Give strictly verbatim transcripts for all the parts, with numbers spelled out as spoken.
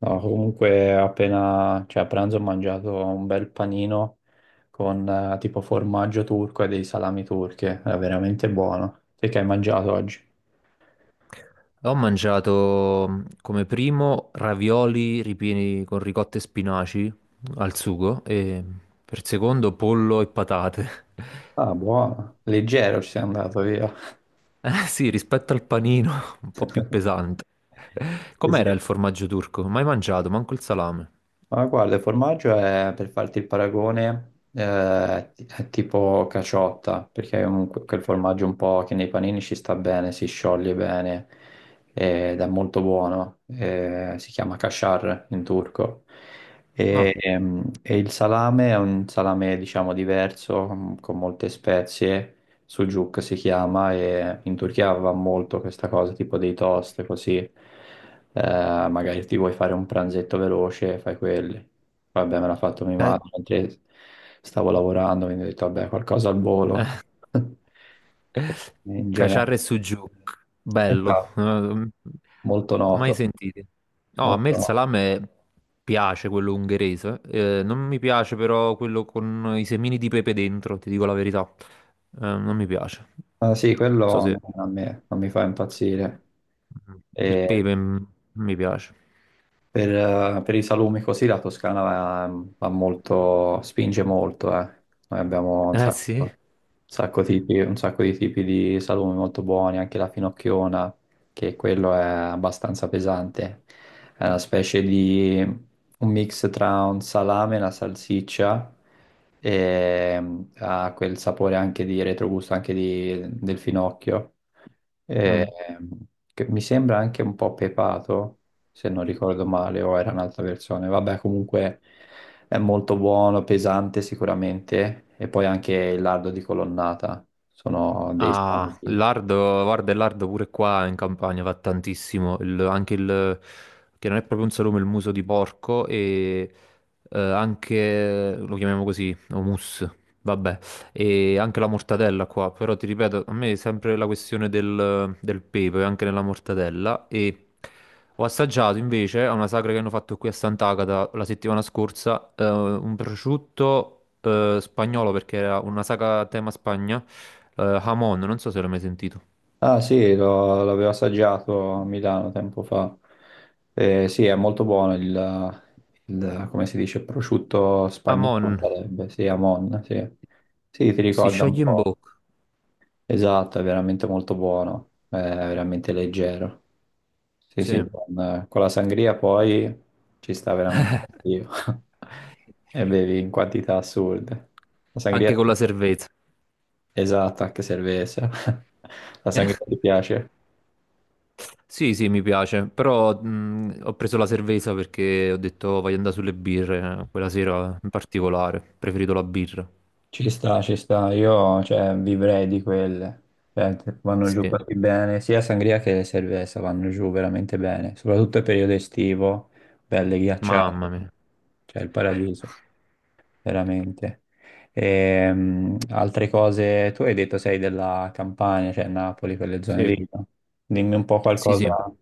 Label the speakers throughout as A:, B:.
A: No, comunque appena, cioè a pranzo ho mangiato un bel panino con eh, tipo formaggio turco e dei salami turchi, era veramente buono. Te che hai mangiato oggi?
B: Ho mangiato mm, come primo ravioli ripieni con ricotta e spinaci al sugo e mm, per secondo pollo e patate.
A: Ah, buono, leggero ci sei andato via.
B: Eh sì, rispetto al panino, un po' più pesante.
A: Sì, sì.
B: Com'era il formaggio turco? Mai mangiato, manco il salame.
A: Ma guarda, il formaggio è, per farti il paragone, eh, ti- è tipo caciotta, perché è un, quel formaggio un po' che nei panini ci sta bene, si scioglie bene ed è molto buono. Eh, si chiama kashar in turco.
B: No.
A: E, ehm, e il salame è un salame, diciamo, diverso, con con molte spezie, sucuk si chiama, e in Turchia va molto questa cosa, tipo dei toast, così. Eh, magari ti vuoi fare un pranzetto veloce, fai quelli. Vabbè, me l'ha fatto mia
B: Eh,
A: madre mentre stavo lavorando, quindi ho detto, vabbè, qualcosa al volo. In generale,
B: Caciarre e Sujuk,
A: è
B: bello,
A: stato
B: eh,
A: molto
B: mai
A: noto,
B: sentiti. No, a me
A: molto
B: il
A: noto.
B: salame piace quello ungherese, eh, non mi piace però quello con i semini di pepe dentro, ti dico la verità. Eh, non mi piace.
A: Ah, sì, quello
B: Non so se
A: non- a me non mi fa impazzire.
B: il
A: E
B: pepe mm, mi piace.
A: per, eh, per i salumi così la Toscana va, va molto, spinge molto, eh. Noi abbiamo un
B: Eh
A: sacco,
B: sì?
A: un sacco tipi- un sacco di tipi di salumi molto buoni, anche la finocchiona, che quello è abbastanza pesante. È una specie di un mix tra un salame e una salsiccia e mm, ha quel sapore anche di retrogusto, anche di- del finocchio eh,
B: Mm.
A: che mi sembra anche un po' pepato, se non ricordo male, o era un'altra versione. Vabbè, comunque è molto buono, pesante sicuramente, e poi anche il lardo di colonnata, sono dei sani
B: Ah, il
A: tipi.
B: lardo, guarda, il lardo pure qua in campagna fa tantissimo, il- anche il, che non è proprio un salume, il muso di porco e eh, anche, lo chiamiamo così, hummus, vabbè, e anche la mortadella qua, però ti ripeto, a me è sempre la questione del, del pepe, anche nella mortadella, e ho assaggiato invece a una sagra che hanno fatto qui a Sant'Agata la settimana scorsa, eh, un prosciutto eh, spagnolo, perché era una sagra a tema Spagna, eh, Hamon, non so se l'hai mai sentito.
A: Ah sì, lo- l'avevo assaggiato a Milano tempo fa. Eh, sì, è molto buono il, il- come si dice, prosciutto spagnolo
B: Hamon,
A: sarebbe, sì, Amon, sì. Sì, ti
B: si
A: ricorda un
B: scioglie in
A: po'.
B: bocca,
A: Esatto, è veramente molto buono, è veramente leggero. Sì, sì,
B: sì.
A: con, con la sangria poi ci sta veramente l'addio. E bevi in quantità assurde. La
B: Anche
A: sangria
B: con la cerveza.
A: esatta che servesse. La
B: Eh,
A: sangria ti piace?
B: sì, sì, mi piace, però mh, ho preso la cerveza perché ho detto "Oh, voglio andare sulle birre, eh, quella sera in particolare, ho preferito la birra."
A: Ci sta, ci sta. Io, cioè, vivrei di quelle. Cioè, vanno giù
B: Sì,
A: così bene. Sia sangria che le cerveza vanno giù veramente bene. Soprattutto il periodo estivo, belle
B: mamma
A: ghiacciate.
B: mia.
A: Cioè, il paradiso. Veramente. Ehm, altre cose, tu hai detto sei della Campania, cioè Napoli, quelle zone
B: Sì,
A: lì, no? Dimmi un po'
B: sì, sì.
A: qualcosa,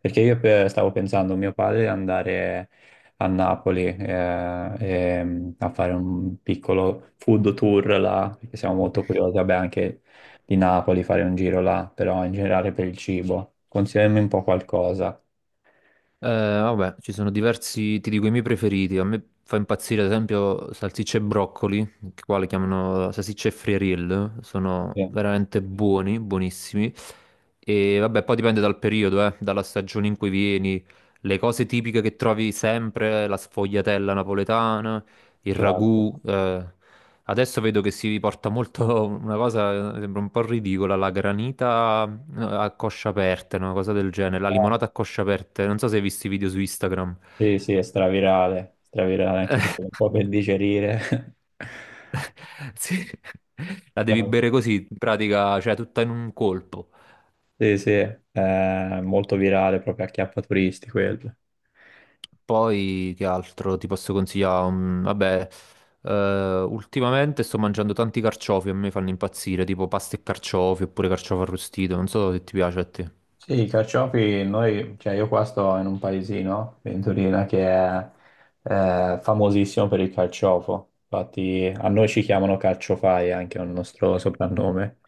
A: perché io pe- stavo pensando, mio padre, di andare a Napoli eh, ehm, a fare un piccolo food tour là, perché siamo molto curiosi, vabbè, anche di Napoli fare un giro là, però in generale per il cibo. Consigliami un po' qualcosa.
B: Eh, vabbè, ci sono diversi, ti dico i miei preferiti. A me fa impazzire, ad esempio, salsicce e broccoli, che qua le chiamano salsicce e friariel.
A: Sì,
B: Sono veramente buoni, buonissimi. E vabbè, poi dipende dal periodo, eh, dalla stagione in cui vieni. Le cose tipiche che trovi sempre, la sfogliatella napoletana, il ragù,
A: classico.
B: eh. Adesso vedo che si porta molto una cosa, eh, sembra un po' ridicola, la granita. No, a coscia aperta, una cosa del genere. La
A: Ah.
B: limonata a coscia aperta. Non so se hai visto i video su Instagram.
A: Sì, sì, è stravirale, stravirale anche per- un po' per digerire.
B: Sì. La devi bere così, in pratica, cioè tutta in un colpo.
A: Sì, sì, è molto virale, proprio a chiappa turisti quello.
B: Poi che altro ti posso consigliare? Mm, vabbè, eh, ultimamente sto mangiando tanti carciofi, a me fanno impazzire, tipo pasta e carciofi oppure carciofo arrostito. Non so se ti piace a te.
A: Sì, i carciofi, noi, cioè io qua sto in un paesino, Ventolina, che è eh, famosissimo per il carciofo. Infatti a noi ci chiamano carciofai, anche è un nostro soprannome.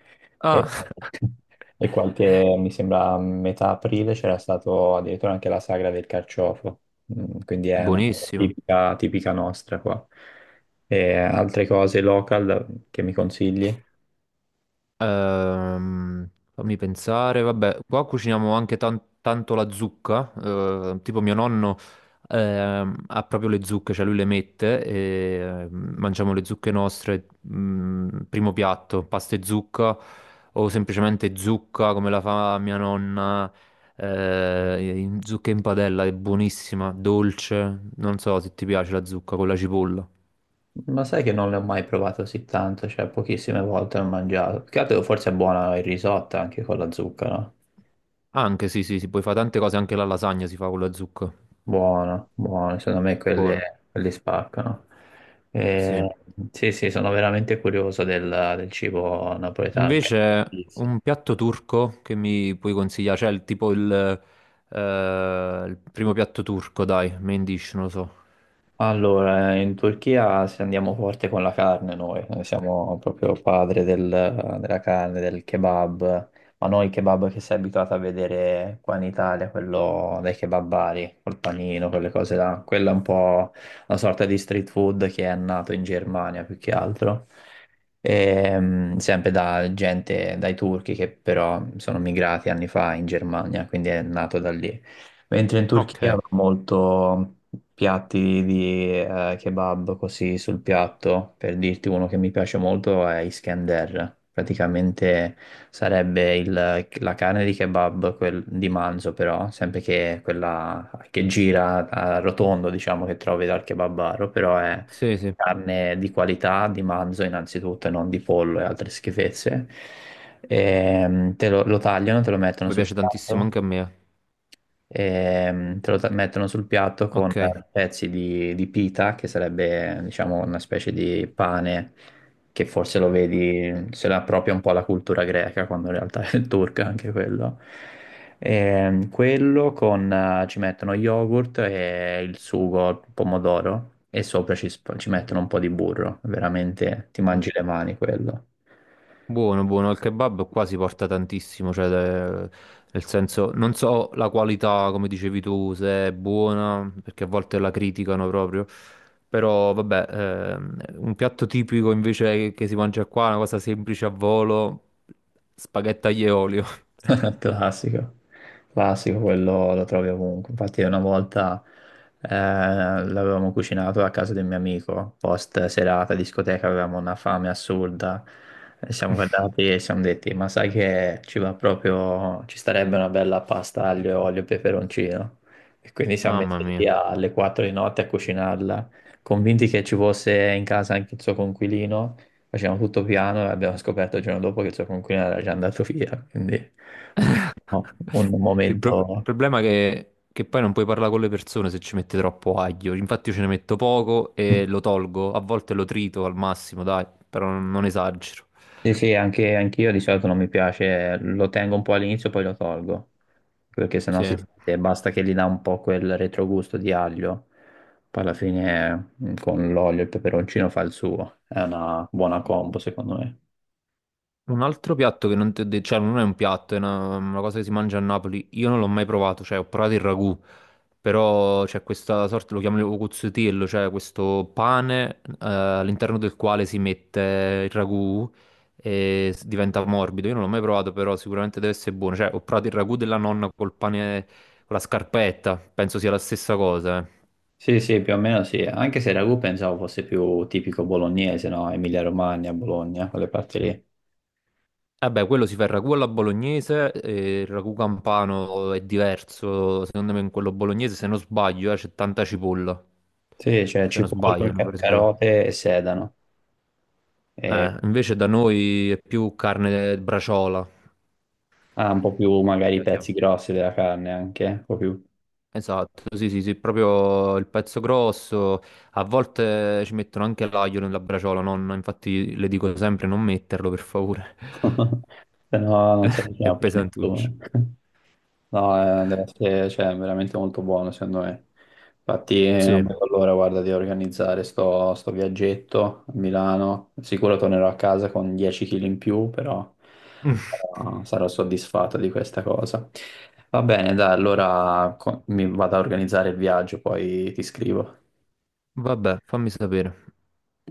A: E,
B: Ah,
A: e qualche, mi sembra, a metà aprile c'era stato addirittura anche la sagra del carciofo. Mm, quindi è una cosa
B: buonissimo.
A: tipica, tipica nostra qua. E altre cose local che mi consigli?
B: Ehm, Fammi pensare, vabbè, qua cuciniamo anche tan- tanto la zucca, eh, tipo mio nonno ehm, ha proprio le zucche, cioè lui le mette e ehm, mangiamo le zucche nostre, mm, primo piatto, pasta e zucca o semplicemente zucca come la fa mia nonna, eh, in- zucca in padella, è buonissima, dolce, non so se ti piace la zucca con la cipolla.
A: Ma sai che non ne ho mai provato così tanto, cioè pochissime volte l'ho mangiato. Più che altro forse è buona il risotto anche con la zucca, no?
B: Anche sì, sì, si puoi fare tante cose, anche la lasagna si fa con la zucca.
A: Buono, buono, secondo me quelli,
B: Buono,
A: quelli spaccano.
B: sì.
A: Eh, sì, sì, sono veramente curioso del, del cibo napoletano. Anche la
B: Invece,
A: pizza.
B: un piatto turco che mi puoi consigliare? Cioè, il- tipo il, eh, il primo piatto turco, dai, main dish, non lo so.
A: Allora, in Turchia se andiamo forte con la carne noi, noi siamo proprio padre del- della carne, del kebab, ma non il kebab che sei abituato a vedere qua in Italia, quello dei kebabari, col panino, quelle cose là, quella è un po' una sorta di street food che è nato in Germania più che altro. Ehm, sempre da gente, dai turchi che però sono migrati anni fa in Germania, quindi è nato da lì. Mentre in Turchia
B: Ok,
A: va molto piatti di eh, kebab così sul piatto, per dirti uno che mi piace molto è Iskender. Praticamente sarebbe il- la carne di kebab quel- di manzo, però, sempre che quella che gira a rotondo, diciamo, che trovi dal kebabaro, però è
B: sì, sì.
A: carne di qualità di manzo innanzitutto, e non di pollo e altre schifezze. Ehm, te lo, lo tagliano, te lo mettono
B: Mi
A: sul
B: piace tantissimo
A: piatto.
B: anche a me, eh.
A: Ehm, te lo ta- mettono sul piatto con
B: Ok.
A: pezzi di, di pita, che sarebbe, diciamo, una specie di pane che forse lo vedi, se la appropria un po' alla cultura greca, quando in realtà è turca anche quello. Ehm, quello con, eh, ci mettono yogurt e il sugo, il pomodoro, e sopra ci, sp- ci mettono un po' di burro, veramente ti mangi le mani quello.
B: Buono, buono, il kebab qua si porta tantissimo, cioè, de- nel senso, non so la qualità, come dicevi tu, se è buona, perché a volte la criticano proprio, però vabbè, ehm, un piatto tipico invece che si mangia qua, una cosa semplice a volo, spaghetti aglio e olio.
A: Classico, classico, quello lo trovi ovunque. Infatti, una volta eh, l'avevamo cucinato a casa del mio amico, post serata, discoteca, avevamo una fame assurda. E siamo guardati e ci siamo detti: Ma sai che ci va proprio, ci starebbe una bella pasta aglio e olio e peperoncino. E quindi siamo
B: Mamma
A: messi lì
B: mia.
A: alle quattro di notte a cucinarla, convinti che ci fosse in casa anche il suo conquilino. Facevamo tutto piano e abbiamo scoperto il giorno dopo che il suo coinquilino era già andato via, quindi no, un
B: Il, pro- il
A: momento...
B: problema è che, che poi non puoi parlare con le persone se ci metti troppo aglio. Infatti, io ce ne metto poco e lo tolgo. A volte lo trito al massimo, dai, però non non esagero.
A: Sì, sì, anche anch'io di solito non mi piace, lo tengo un po' all'inizio poi lo tolgo, perché sennò si
B: Sì.
A: sente, basta che gli dà un po' quel retrogusto di aglio, poi alla fine mm, con l'olio e il peperoncino fa il suo, è una buona combo secondo me.
B: Un altro piatto che non ti ho detto, cioè non è un piatto, è una, una cosa che si mangia a Napoli. Io non l'ho mai provato, cioè ho provato il ragù, però c'è questa sorta, lo chiamano cuzzotiello, cioè questo pane eh, all'interno del quale si mette il ragù e s- diventa morbido. Io non l'ho mai provato, però sicuramente deve essere buono. Cioè ho provato il ragù della nonna col pane, con la scarpetta, penso sia la stessa cosa, eh.
A: Sì, sì, più o meno sì, anche se il ragù pensavo fosse più tipico bolognese, no? Emilia-Romagna, Bologna, quelle parti lì.
B: Eh beh, quello si fa il ragù alla bolognese, e il ragù campano è diverso, secondo me in quello bolognese, se non sbaglio, eh, c'è tanta cipolla,
A: Sì, c'è
B: se non
A: cipolla,
B: sbaglio, non
A: ca-
B: vorrei sbagliare.
A: carote e sedano. E
B: Eh, invece da noi è più carne braciola,
A: ha un po' più magari
B: così
A: i
B: la chiamo.
A: pezzi grossi della carne anche, un po' più.
B: Esatto, sì, sì, sì, proprio il pezzo grosso, a volte ci mettono anche l'aglio nella braciola, nonna, infatti le dico sempre non metterlo, per favore,
A: Se no non si avvicina
B: è
A: più a
B: pesantuccio.
A: nessuno. No, eh, deve essere, cioè, veramente molto buono, secondo me. Infatti, eh, non
B: Sì,
A: vedo l'ora, guarda, di organizzare sto, sto viaggetto a Milano. Sicuro tornerò a casa con dieci chili in più, però eh, sarò soddisfatto di questa cosa. Va bene, dai, allora co- mi vado a organizzare il viaggio, poi ti scrivo.
B: vabbè, fammi sapere.